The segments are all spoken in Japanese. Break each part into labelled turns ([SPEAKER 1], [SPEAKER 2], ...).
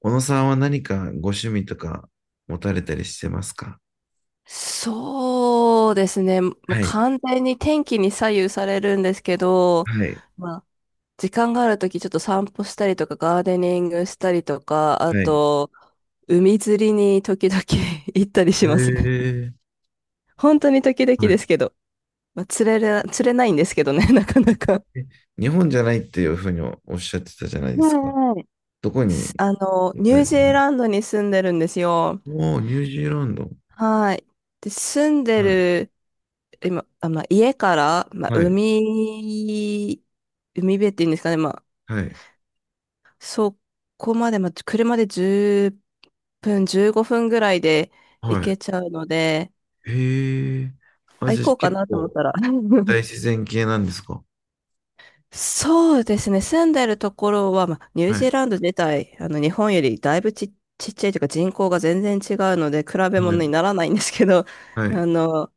[SPEAKER 1] 小野さんは何かご趣味とか持たれたりしてますか？
[SPEAKER 2] そうですね。もう
[SPEAKER 1] はい、
[SPEAKER 2] 完全に天気に左右されるんですけど、
[SPEAKER 1] はい、
[SPEAKER 2] まあ、時間があるときちょっと散歩したりとか、ガーデニングしたりとか、あ
[SPEAKER 1] はい。
[SPEAKER 2] と、海釣りに時々 行ったり
[SPEAKER 1] え
[SPEAKER 2] しますね。
[SPEAKER 1] ー、
[SPEAKER 2] 本当に時々です
[SPEAKER 1] は
[SPEAKER 2] けど、釣れないんですけどね、なかなか。
[SPEAKER 1] い。日本じゃないっていうふうにおおっしゃってたじゃないで
[SPEAKER 2] は
[SPEAKER 1] すか。
[SPEAKER 2] いはい。
[SPEAKER 1] どこにい
[SPEAKER 2] ニュージーランドに住んでるんですよ。
[SPEAKER 1] おー、ニュージーランド。
[SPEAKER 2] はい。で、住んで
[SPEAKER 1] はい、
[SPEAKER 2] る今、家から、
[SPEAKER 1] はい、
[SPEAKER 2] 海辺っていうんですかね、
[SPEAKER 1] はい。
[SPEAKER 2] そこまで、車で10分、15分ぐらいで
[SPEAKER 1] は
[SPEAKER 2] 行
[SPEAKER 1] い。
[SPEAKER 2] けちゃうので、
[SPEAKER 1] へえー。あ、
[SPEAKER 2] あ、
[SPEAKER 1] じ
[SPEAKER 2] 行
[SPEAKER 1] ゃあ
[SPEAKER 2] こうか
[SPEAKER 1] 結
[SPEAKER 2] なと思っ
[SPEAKER 1] 構
[SPEAKER 2] たら。
[SPEAKER 1] 大 自然系なんですか？
[SPEAKER 2] そうですね、住んでるところは、ニュー
[SPEAKER 1] は
[SPEAKER 2] ジ
[SPEAKER 1] い、
[SPEAKER 2] ーランド自体、日本よりだいぶち、ちっちゃいというか人口が全然違うので、比べ
[SPEAKER 1] は
[SPEAKER 2] 物に
[SPEAKER 1] い、
[SPEAKER 2] ならないんですけど、
[SPEAKER 1] はい。
[SPEAKER 2] あの、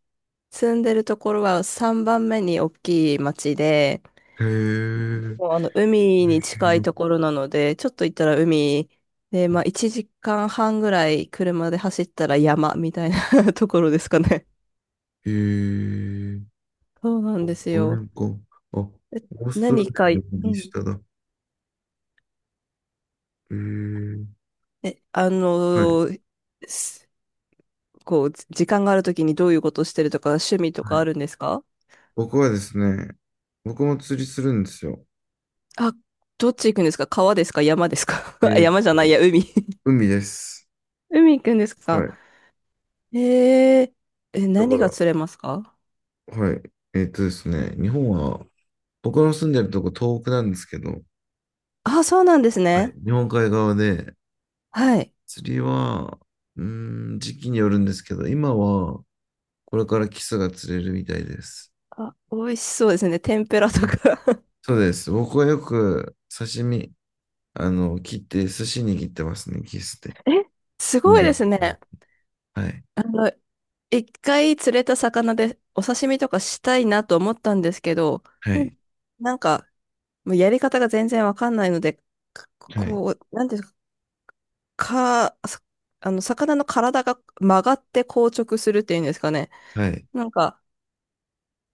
[SPEAKER 2] 住んでるところは3番目に大きい町で、
[SPEAKER 1] へえ。ニュ
[SPEAKER 2] もう海
[SPEAKER 1] ー
[SPEAKER 2] に
[SPEAKER 1] ジーラ
[SPEAKER 2] 近い
[SPEAKER 1] ンド。
[SPEAKER 2] ところなので、ちょっと行ったら海で、1時間半ぐらい車で走ったら山みたいな ところですかね。
[SPEAKER 1] へえ。
[SPEAKER 2] そうなんです
[SPEAKER 1] この
[SPEAKER 2] よ。
[SPEAKER 1] 辺か。あ、オ
[SPEAKER 2] え、
[SPEAKER 1] ーストラ
[SPEAKER 2] 何
[SPEAKER 1] リ
[SPEAKER 2] か、
[SPEAKER 1] ア
[SPEAKER 2] う
[SPEAKER 1] の右
[SPEAKER 2] ん。
[SPEAKER 1] 下だ。えー、
[SPEAKER 2] え、あ
[SPEAKER 1] はい、
[SPEAKER 2] のーすこう、時間があるときにどういうことしてるとか、趣味と
[SPEAKER 1] は
[SPEAKER 2] かあ
[SPEAKER 1] い。
[SPEAKER 2] るんですか？
[SPEAKER 1] 僕はですね、僕も釣りするんですよ。
[SPEAKER 2] あ、どっち行くんですか？川ですか？山ですか？
[SPEAKER 1] え
[SPEAKER 2] あ、
[SPEAKER 1] ーっ
[SPEAKER 2] 山じゃない
[SPEAKER 1] と、
[SPEAKER 2] や、海。
[SPEAKER 1] 海です。
[SPEAKER 2] 海行くんです
[SPEAKER 1] は
[SPEAKER 2] か？
[SPEAKER 1] い。
[SPEAKER 2] えー、
[SPEAKER 1] だか
[SPEAKER 2] 何が
[SPEAKER 1] ら、
[SPEAKER 2] 釣れますか？
[SPEAKER 1] はい。ですね、日本は、僕の住んでるとこ東北なんですけど、
[SPEAKER 2] あ、そうなんです
[SPEAKER 1] はい。
[SPEAKER 2] ね。
[SPEAKER 1] 日本海側で、
[SPEAKER 2] はい。
[SPEAKER 1] 釣りは、時期によるんですけど、今は、これからキスが釣れるみたいです。
[SPEAKER 2] あ、美味しそうですね。天ぷらとか。
[SPEAKER 1] そうです。僕はよく刺身、あの、切って、寿司握ってますね、キスで。
[SPEAKER 2] えす
[SPEAKER 1] 昆
[SPEAKER 2] ごいで
[SPEAKER 1] 布。
[SPEAKER 2] すね。
[SPEAKER 1] はい、
[SPEAKER 2] あの、一回釣れた魚でお刺身とかしたいなと思ったんですけど、
[SPEAKER 1] は
[SPEAKER 2] な
[SPEAKER 1] い、
[SPEAKER 2] なんか、もうやり方が全然わかんないので、か
[SPEAKER 1] はい、
[SPEAKER 2] こう、なんていうんですか、魚の体が曲がって硬直するっていうんですかね。
[SPEAKER 1] はい、
[SPEAKER 2] なんか、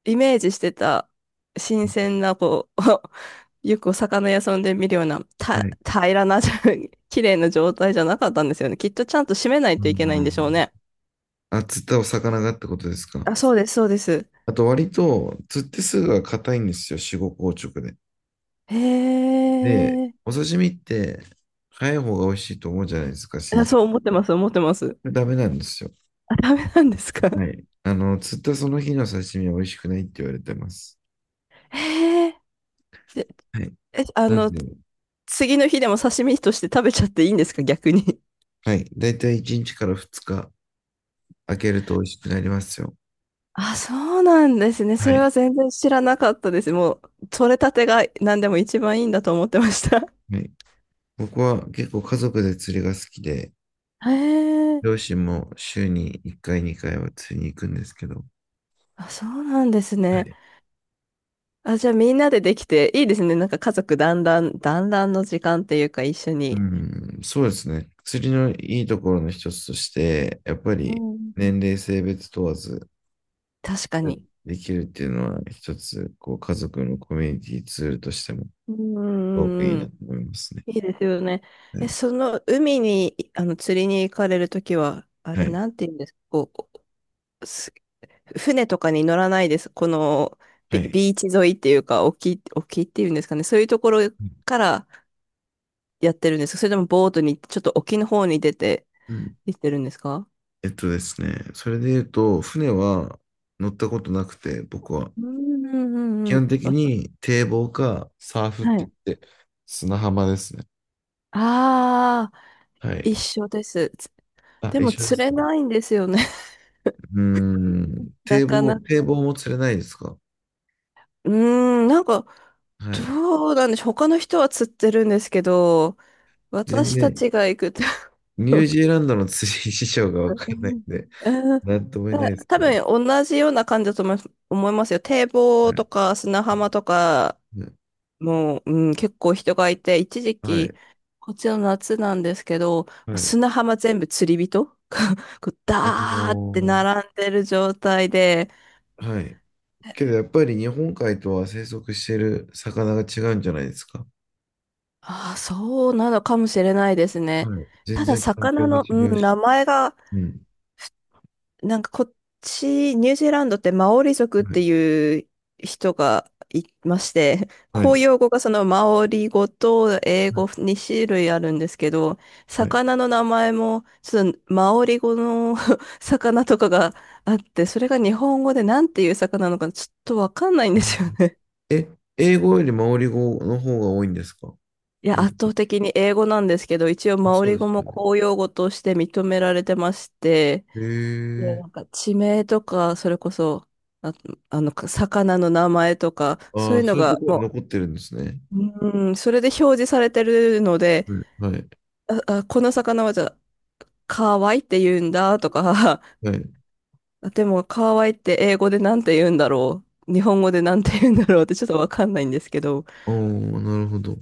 [SPEAKER 2] イメージしてた新鮮な、こう、よくお魚屋さんで見るような、
[SPEAKER 1] はい。
[SPEAKER 2] 平らな、綺麗な状態じゃなかったんですよね。きっとちゃんと締めない
[SPEAKER 1] う
[SPEAKER 2] といけないんでしょう
[SPEAKER 1] ん。
[SPEAKER 2] ね。
[SPEAKER 1] あ、釣ったお魚がってことですか。
[SPEAKER 2] あ、そうです、そうです。
[SPEAKER 1] あと、割と、釣ってすぐは硬いんですよ、死後硬直で。
[SPEAKER 2] へ
[SPEAKER 1] で、
[SPEAKER 2] え。
[SPEAKER 1] お刺身って、早い方が美味しいと思うじゃないですか、新
[SPEAKER 2] あ、そ
[SPEAKER 1] 鮮。
[SPEAKER 2] う思って
[SPEAKER 1] こ
[SPEAKER 2] ます、思ってます。
[SPEAKER 1] れダメなんですよ。
[SPEAKER 2] あ、ダメなんですか？
[SPEAKER 1] はい。あの、釣ったその日の刺身は美味しくないって言われてます。
[SPEAKER 2] へえ。で、
[SPEAKER 1] はい。
[SPEAKER 2] え、あ
[SPEAKER 1] なん
[SPEAKER 2] の、
[SPEAKER 1] で、
[SPEAKER 2] 次の日でも刺身として食べちゃっていいんですか、逆に？
[SPEAKER 1] はい。だいたい1日から2日、開けると美味しくなりますよ。
[SPEAKER 2] あ、そうなんですね。そ
[SPEAKER 1] は
[SPEAKER 2] れ
[SPEAKER 1] い。
[SPEAKER 2] は全然知らなかったです。もう、取れたてが何でも一番いいんだと思ってました。
[SPEAKER 1] はい。僕は結構家族で釣りが好きで、
[SPEAKER 2] へえ、
[SPEAKER 1] 両親も週に1回、2回は釣りに行くんですけど、
[SPEAKER 2] あ、そうなんです
[SPEAKER 1] は
[SPEAKER 2] ね。
[SPEAKER 1] い。
[SPEAKER 2] あ、じゃあみんなでできていいですね。なんか家族団らんの時間っていうか一緒
[SPEAKER 1] う
[SPEAKER 2] に。
[SPEAKER 1] ん、そうですね。釣りのいいところの一つとして、やっぱ
[SPEAKER 2] う
[SPEAKER 1] り
[SPEAKER 2] ん。
[SPEAKER 1] 年齢、性別問わず
[SPEAKER 2] 確かに。
[SPEAKER 1] できるっていうのは一つ、こう家族のコミュニティツールとしてもす
[SPEAKER 2] うんう
[SPEAKER 1] ごくい
[SPEAKER 2] んう
[SPEAKER 1] い
[SPEAKER 2] んう
[SPEAKER 1] な
[SPEAKER 2] ん。
[SPEAKER 1] と思いますね。
[SPEAKER 2] いいですよね。
[SPEAKER 1] はい。
[SPEAKER 2] その海に、釣りに行かれるときは、あ
[SPEAKER 1] は
[SPEAKER 2] れ、
[SPEAKER 1] い。
[SPEAKER 2] なんて言うんですか、こう、船とかに乗らないです？この
[SPEAKER 1] はい。
[SPEAKER 2] ビーチ沿いっていうか、沖っていうんですかね。そういうところからやってるんですか？それともボートに、ちょっと沖の方に出て
[SPEAKER 1] うん。
[SPEAKER 2] 行ってるんですか？
[SPEAKER 1] えっとですね、それで言うと、船は乗ったことなくて、僕は。
[SPEAKER 2] うんうんう
[SPEAKER 1] 基
[SPEAKER 2] んうん。
[SPEAKER 1] 本的に堤防かサーフっ
[SPEAKER 2] は
[SPEAKER 1] て
[SPEAKER 2] い。
[SPEAKER 1] 言って、砂浜ですね。
[SPEAKER 2] ああ、
[SPEAKER 1] はい。
[SPEAKER 2] 一緒です。
[SPEAKER 1] あ、
[SPEAKER 2] で
[SPEAKER 1] 一
[SPEAKER 2] も
[SPEAKER 1] 緒で
[SPEAKER 2] 釣
[SPEAKER 1] す
[SPEAKER 2] れ
[SPEAKER 1] か。
[SPEAKER 2] ないんですよね。
[SPEAKER 1] うー ん。
[SPEAKER 2] な
[SPEAKER 1] 堤
[SPEAKER 2] か
[SPEAKER 1] 防、
[SPEAKER 2] なか。
[SPEAKER 1] 堤防も釣れないですか。
[SPEAKER 2] うーん、なんか、
[SPEAKER 1] はい。
[SPEAKER 2] どうなんでしょう。他の人は釣ってるんですけど、
[SPEAKER 1] 全
[SPEAKER 2] 私た
[SPEAKER 1] 然、
[SPEAKER 2] ちが行くと。
[SPEAKER 1] ニ ュー
[SPEAKER 2] う
[SPEAKER 1] ジーランドの釣り事情がわからない
[SPEAKER 2] ん、
[SPEAKER 1] んで、なんとも言えないです
[SPEAKER 2] 多
[SPEAKER 1] けど。
[SPEAKER 2] 分同じような感じだと思いますよ。堤
[SPEAKER 1] は
[SPEAKER 2] 防と
[SPEAKER 1] い。
[SPEAKER 2] か砂浜とか、
[SPEAKER 1] ね。
[SPEAKER 2] もう、うん、結構人がいて、一時
[SPEAKER 1] は
[SPEAKER 2] 期、
[SPEAKER 1] い。
[SPEAKER 2] こっちの夏なんですけど、もう
[SPEAKER 1] はい。
[SPEAKER 2] 砂浜全部釣り人が こう
[SPEAKER 1] お
[SPEAKER 2] ダーって
[SPEAKER 1] ー。
[SPEAKER 2] 並んでる状態で。
[SPEAKER 1] はい。けどやっぱり日本海とは生息している魚が違うんじゃないですか。
[SPEAKER 2] ああ、そうなのかもしれないですね。
[SPEAKER 1] はい。全
[SPEAKER 2] ただ、
[SPEAKER 1] 然環境
[SPEAKER 2] 魚
[SPEAKER 1] が
[SPEAKER 2] の、
[SPEAKER 1] 違う
[SPEAKER 2] うん、
[SPEAKER 1] し。
[SPEAKER 2] 名前が
[SPEAKER 1] うん。
[SPEAKER 2] なんかこっち、ニュージーランドってマオリ族っ
[SPEAKER 1] はい。
[SPEAKER 2] ていう人がいまして、
[SPEAKER 1] はい。
[SPEAKER 2] 公用語がそのマオリ語と英
[SPEAKER 1] はい。
[SPEAKER 2] 語2種類あるんですけど、
[SPEAKER 1] はい。
[SPEAKER 2] 魚の名前もちょっとマオリ語の 魚とかがあって、それが日本語でなんていう魚なのかちょっとわかんないん
[SPEAKER 1] う
[SPEAKER 2] ですよ
[SPEAKER 1] ん。
[SPEAKER 2] ね。
[SPEAKER 1] え、英語よりマオリ語の方が多いんですか？
[SPEAKER 2] いや、
[SPEAKER 1] にじ
[SPEAKER 2] 圧
[SPEAKER 1] ゅ
[SPEAKER 2] 倒
[SPEAKER 1] う
[SPEAKER 2] 的に英語なんですけど、一応
[SPEAKER 1] あ、
[SPEAKER 2] マオ
[SPEAKER 1] そ
[SPEAKER 2] リ
[SPEAKER 1] うで
[SPEAKER 2] 語
[SPEAKER 1] す
[SPEAKER 2] も
[SPEAKER 1] よね。
[SPEAKER 2] 公用語として認められてまして、
[SPEAKER 1] へ
[SPEAKER 2] もう
[SPEAKER 1] え。
[SPEAKER 2] なんか地名とか、それこそ、あ、魚の名前とか、そ
[SPEAKER 1] あ
[SPEAKER 2] うい
[SPEAKER 1] あ、
[SPEAKER 2] うの
[SPEAKER 1] そういうと
[SPEAKER 2] が、
[SPEAKER 1] ころに
[SPEAKER 2] も
[SPEAKER 1] 残ってるんですね。
[SPEAKER 2] う、うん、それで表示されてるので、
[SPEAKER 1] はい、はい、
[SPEAKER 2] あ、この魚はじゃあ、カワイって言うんだとか。
[SPEAKER 1] は い。
[SPEAKER 2] あ、でもカワイって英語でなんて言うんだろう、日本語でなんて言うんだろうってちょっとわかんないんですけど。
[SPEAKER 1] おー、なるほど。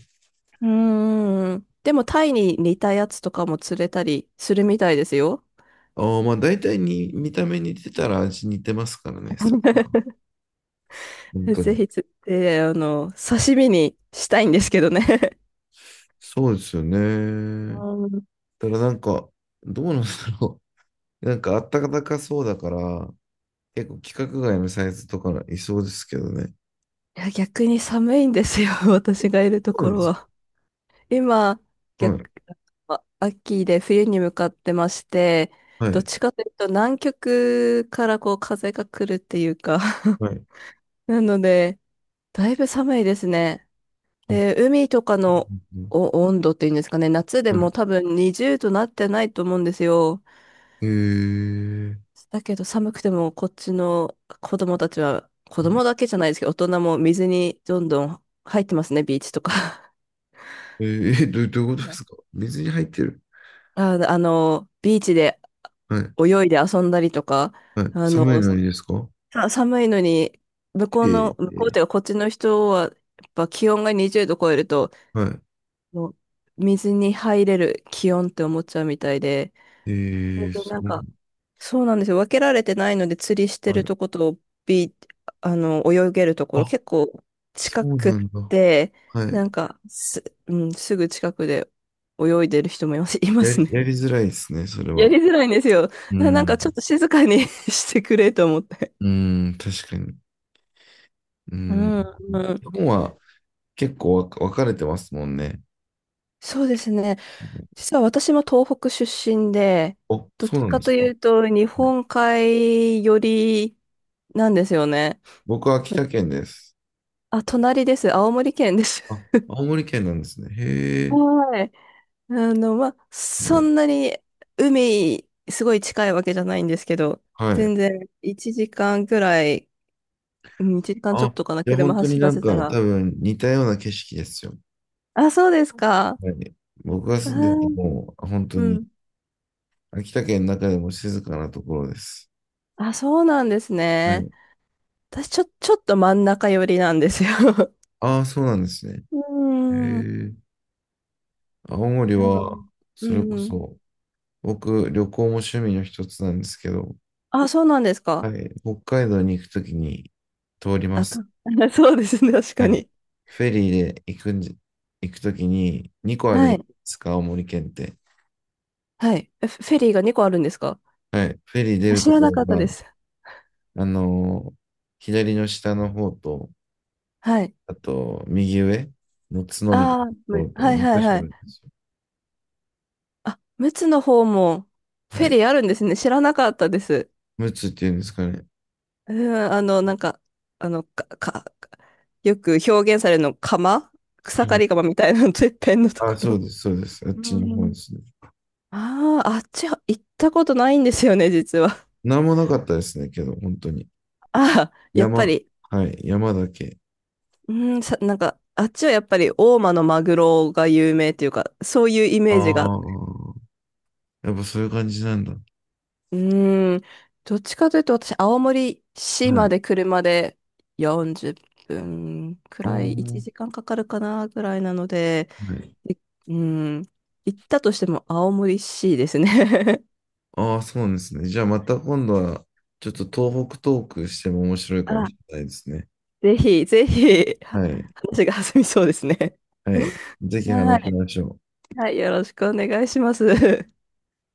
[SPEAKER 2] うん、でもタイに似たやつとかも釣れたりするみたいですよ。
[SPEAKER 1] ああ、まあ大体に見た目似てたら味似てますからね、魚。本当
[SPEAKER 2] ぜ
[SPEAKER 1] に。
[SPEAKER 2] ひ釣って、刺身にしたいんですけどね。
[SPEAKER 1] そうですよね。
[SPEAKER 2] うん、
[SPEAKER 1] ただなんか、どうなんだろう。なんかあったかかそうだから、結構規格外のサイズとかいそうですけどね。
[SPEAKER 2] いや、逆に寒いんですよ、
[SPEAKER 1] え、
[SPEAKER 2] 私がいると
[SPEAKER 1] そうな
[SPEAKER 2] こ
[SPEAKER 1] ん
[SPEAKER 2] ろ
[SPEAKER 1] ですか？
[SPEAKER 2] は。今、
[SPEAKER 1] は
[SPEAKER 2] 逆、
[SPEAKER 1] い、
[SPEAKER 2] 秋で冬に向かってまして、
[SPEAKER 1] は
[SPEAKER 2] どっ
[SPEAKER 1] い、
[SPEAKER 2] ちかというと南極からこう風が来るっていうか。
[SPEAKER 1] はい。
[SPEAKER 2] なので、だいぶ寒いですね。
[SPEAKER 1] あ、うん。
[SPEAKER 2] で、海とかの
[SPEAKER 1] うん。
[SPEAKER 2] お温度っていうんですかね、夏で
[SPEAKER 1] は
[SPEAKER 2] も
[SPEAKER 1] い。
[SPEAKER 2] 多分20度なってないと思うんですよ。
[SPEAKER 1] えー、
[SPEAKER 2] だけど寒くてもこっちの子供たちは、子供だけじゃないですけど、大人も水にどんどん入ってますね、ビーチとか。
[SPEAKER 1] えー、えど、どういうことですか？ 水に入ってる。
[SPEAKER 2] ビーチで
[SPEAKER 1] はい。
[SPEAKER 2] 泳いで遊んだりとか、
[SPEAKER 1] はい。
[SPEAKER 2] あ
[SPEAKER 1] 寒い
[SPEAKER 2] の、
[SPEAKER 1] のにですか？
[SPEAKER 2] 寒いのに、
[SPEAKER 1] え。え
[SPEAKER 2] 向こうっ
[SPEAKER 1] ー、
[SPEAKER 2] ていうかこっちの人は、やっぱ気温が20度超えると、
[SPEAKER 1] は
[SPEAKER 2] もう水に入れる気温って思っちゃうみたいで。
[SPEAKER 1] い。えー、
[SPEAKER 2] で、
[SPEAKER 1] す
[SPEAKER 2] なん
[SPEAKER 1] ごい。
[SPEAKER 2] か、そうなんですよ。分けられてないので、釣りして
[SPEAKER 1] は
[SPEAKER 2] る
[SPEAKER 1] い。
[SPEAKER 2] とこと、ビー、泳げるところ、
[SPEAKER 1] あ、
[SPEAKER 2] 結構
[SPEAKER 1] そ
[SPEAKER 2] 近
[SPEAKER 1] う
[SPEAKER 2] く
[SPEAKER 1] な
[SPEAKER 2] っ
[SPEAKER 1] んだ。
[SPEAKER 2] て、
[SPEAKER 1] は
[SPEAKER 2] な
[SPEAKER 1] い。
[SPEAKER 2] んかうん、すぐ近くで泳いでる人もいます、いま
[SPEAKER 1] やり、
[SPEAKER 2] す
[SPEAKER 1] や
[SPEAKER 2] ね。
[SPEAKER 1] りづらいですね、それ
[SPEAKER 2] や
[SPEAKER 1] は。
[SPEAKER 2] りづらいんですよ。
[SPEAKER 1] う
[SPEAKER 2] なんか
[SPEAKER 1] ん。
[SPEAKER 2] ちょっと静かに してくれと思って。
[SPEAKER 1] うん、確かに。う
[SPEAKER 2] う
[SPEAKER 1] ん。
[SPEAKER 2] ん、
[SPEAKER 1] 日
[SPEAKER 2] うん。
[SPEAKER 1] 本は結構分かれてますもんね。
[SPEAKER 2] そうですね。実は私も東北出身で、
[SPEAKER 1] お、
[SPEAKER 2] どっ
[SPEAKER 1] そう
[SPEAKER 2] ち
[SPEAKER 1] なん
[SPEAKER 2] か
[SPEAKER 1] です
[SPEAKER 2] と
[SPEAKER 1] か。
[SPEAKER 2] い
[SPEAKER 1] は
[SPEAKER 2] うと日
[SPEAKER 1] い。
[SPEAKER 2] 本海寄りなんですよね。
[SPEAKER 1] 僕は秋田県です。
[SPEAKER 2] あ、隣です。青森県です。
[SPEAKER 1] あ、青森県なんですね。へ え。
[SPEAKER 2] はい。
[SPEAKER 1] は
[SPEAKER 2] そ
[SPEAKER 1] い。
[SPEAKER 2] んなに海、すごい近いわけじゃないんですけど、
[SPEAKER 1] はい。
[SPEAKER 2] 全然1時間くらい、うん、1時間ちょっ
[SPEAKER 1] あ、
[SPEAKER 2] とかな、
[SPEAKER 1] じゃあ
[SPEAKER 2] 車
[SPEAKER 1] 本当に
[SPEAKER 2] 走ら
[SPEAKER 1] なん
[SPEAKER 2] せ
[SPEAKER 1] か
[SPEAKER 2] たら。
[SPEAKER 1] 多分似たような景色ですよ。
[SPEAKER 2] あ、そうですか。
[SPEAKER 1] はい。僕が
[SPEAKER 2] あ
[SPEAKER 1] 住んでる
[SPEAKER 2] ー、
[SPEAKER 1] のも本当
[SPEAKER 2] う
[SPEAKER 1] に
[SPEAKER 2] ん。
[SPEAKER 1] 秋田県の中でも静かなところです。
[SPEAKER 2] あ、そうなんです
[SPEAKER 1] は
[SPEAKER 2] ね。
[SPEAKER 1] い。
[SPEAKER 2] 私、ちょっと真ん中寄りなんですよ。
[SPEAKER 1] ああ、そうなんですね。
[SPEAKER 2] う
[SPEAKER 1] へ
[SPEAKER 2] ーん。
[SPEAKER 1] え。青森
[SPEAKER 2] なので、
[SPEAKER 1] は、
[SPEAKER 2] う
[SPEAKER 1] それこ
[SPEAKER 2] ん。
[SPEAKER 1] そ、僕、旅行も趣味の一つなんですけど、
[SPEAKER 2] あ、そうなんです
[SPEAKER 1] は
[SPEAKER 2] か。
[SPEAKER 1] い。北海道に行くときに通りま
[SPEAKER 2] あ
[SPEAKER 1] す。
[SPEAKER 2] と、そうですね、確
[SPEAKER 1] は
[SPEAKER 2] か
[SPEAKER 1] い。
[SPEAKER 2] に。
[SPEAKER 1] フェリーで行くときに2個あるじ
[SPEAKER 2] は
[SPEAKER 1] ゃない
[SPEAKER 2] い。
[SPEAKER 1] ですか、青森県って。
[SPEAKER 2] はい。フェリーが2個あるんですか？
[SPEAKER 1] はい。フェリー出
[SPEAKER 2] あ、
[SPEAKER 1] る
[SPEAKER 2] 知
[SPEAKER 1] と
[SPEAKER 2] ら
[SPEAKER 1] こ
[SPEAKER 2] な
[SPEAKER 1] ろ
[SPEAKER 2] かったで
[SPEAKER 1] が、
[SPEAKER 2] す。
[SPEAKER 1] あの、左の下の方と、
[SPEAKER 2] はい。
[SPEAKER 1] あと、右上の角みたい
[SPEAKER 2] あ
[SPEAKER 1] な
[SPEAKER 2] あ、
[SPEAKER 1] ところと
[SPEAKER 2] はいはい
[SPEAKER 1] 2箇
[SPEAKER 2] は
[SPEAKER 1] 所ある
[SPEAKER 2] い。
[SPEAKER 1] んですよ。
[SPEAKER 2] あ、陸奥の方もフ
[SPEAKER 1] は
[SPEAKER 2] ェ
[SPEAKER 1] い。
[SPEAKER 2] リーあるんですね。知らなかったです。
[SPEAKER 1] ムツっていうんですかね。
[SPEAKER 2] うん、なんか、あの、か、か、よく表現されるの、草
[SPEAKER 1] は
[SPEAKER 2] 刈
[SPEAKER 1] い。
[SPEAKER 2] り釜みたいなの、てっぺんのと
[SPEAKER 1] あ、
[SPEAKER 2] こ
[SPEAKER 1] そう
[SPEAKER 2] ろ。
[SPEAKER 1] です、そうです。あっ
[SPEAKER 2] う
[SPEAKER 1] ちの方で
[SPEAKER 2] ん。
[SPEAKER 1] すね。
[SPEAKER 2] ああ、あっちは行ったことないんですよね、実は。
[SPEAKER 1] なんもなかったですね、けど、本当に。
[SPEAKER 2] ああ、やっぱ
[SPEAKER 1] 山。
[SPEAKER 2] り、
[SPEAKER 1] はい、山だけ。
[SPEAKER 2] うん、なんか、あっちはやっぱり大間のマグロが有名っていうか、そういうイ
[SPEAKER 1] あ
[SPEAKER 2] メージが。
[SPEAKER 1] あ、やっぱそういう感じなんだ。は
[SPEAKER 2] うん、どっちかというと私、青森市ま
[SPEAKER 1] い。
[SPEAKER 2] で車で40分く
[SPEAKER 1] お
[SPEAKER 2] らい、1
[SPEAKER 1] ー、
[SPEAKER 2] 時間かかるかな、ぐらいなので、
[SPEAKER 1] はい。
[SPEAKER 2] いうん、行ったとしても青森市ですね。
[SPEAKER 1] ああ、そうなんですね。じゃあまた今度は、ちょっと東北トークしても面白い かも
[SPEAKER 2] あ、
[SPEAKER 1] しれないですね。
[SPEAKER 2] ぜひ、ぜひ、
[SPEAKER 1] はい。
[SPEAKER 2] 話が弾みそうですね。
[SPEAKER 1] はい。ぜひ
[SPEAKER 2] は
[SPEAKER 1] 話し
[SPEAKER 2] い。
[SPEAKER 1] ましょう。
[SPEAKER 2] はい、よろしくお願いします。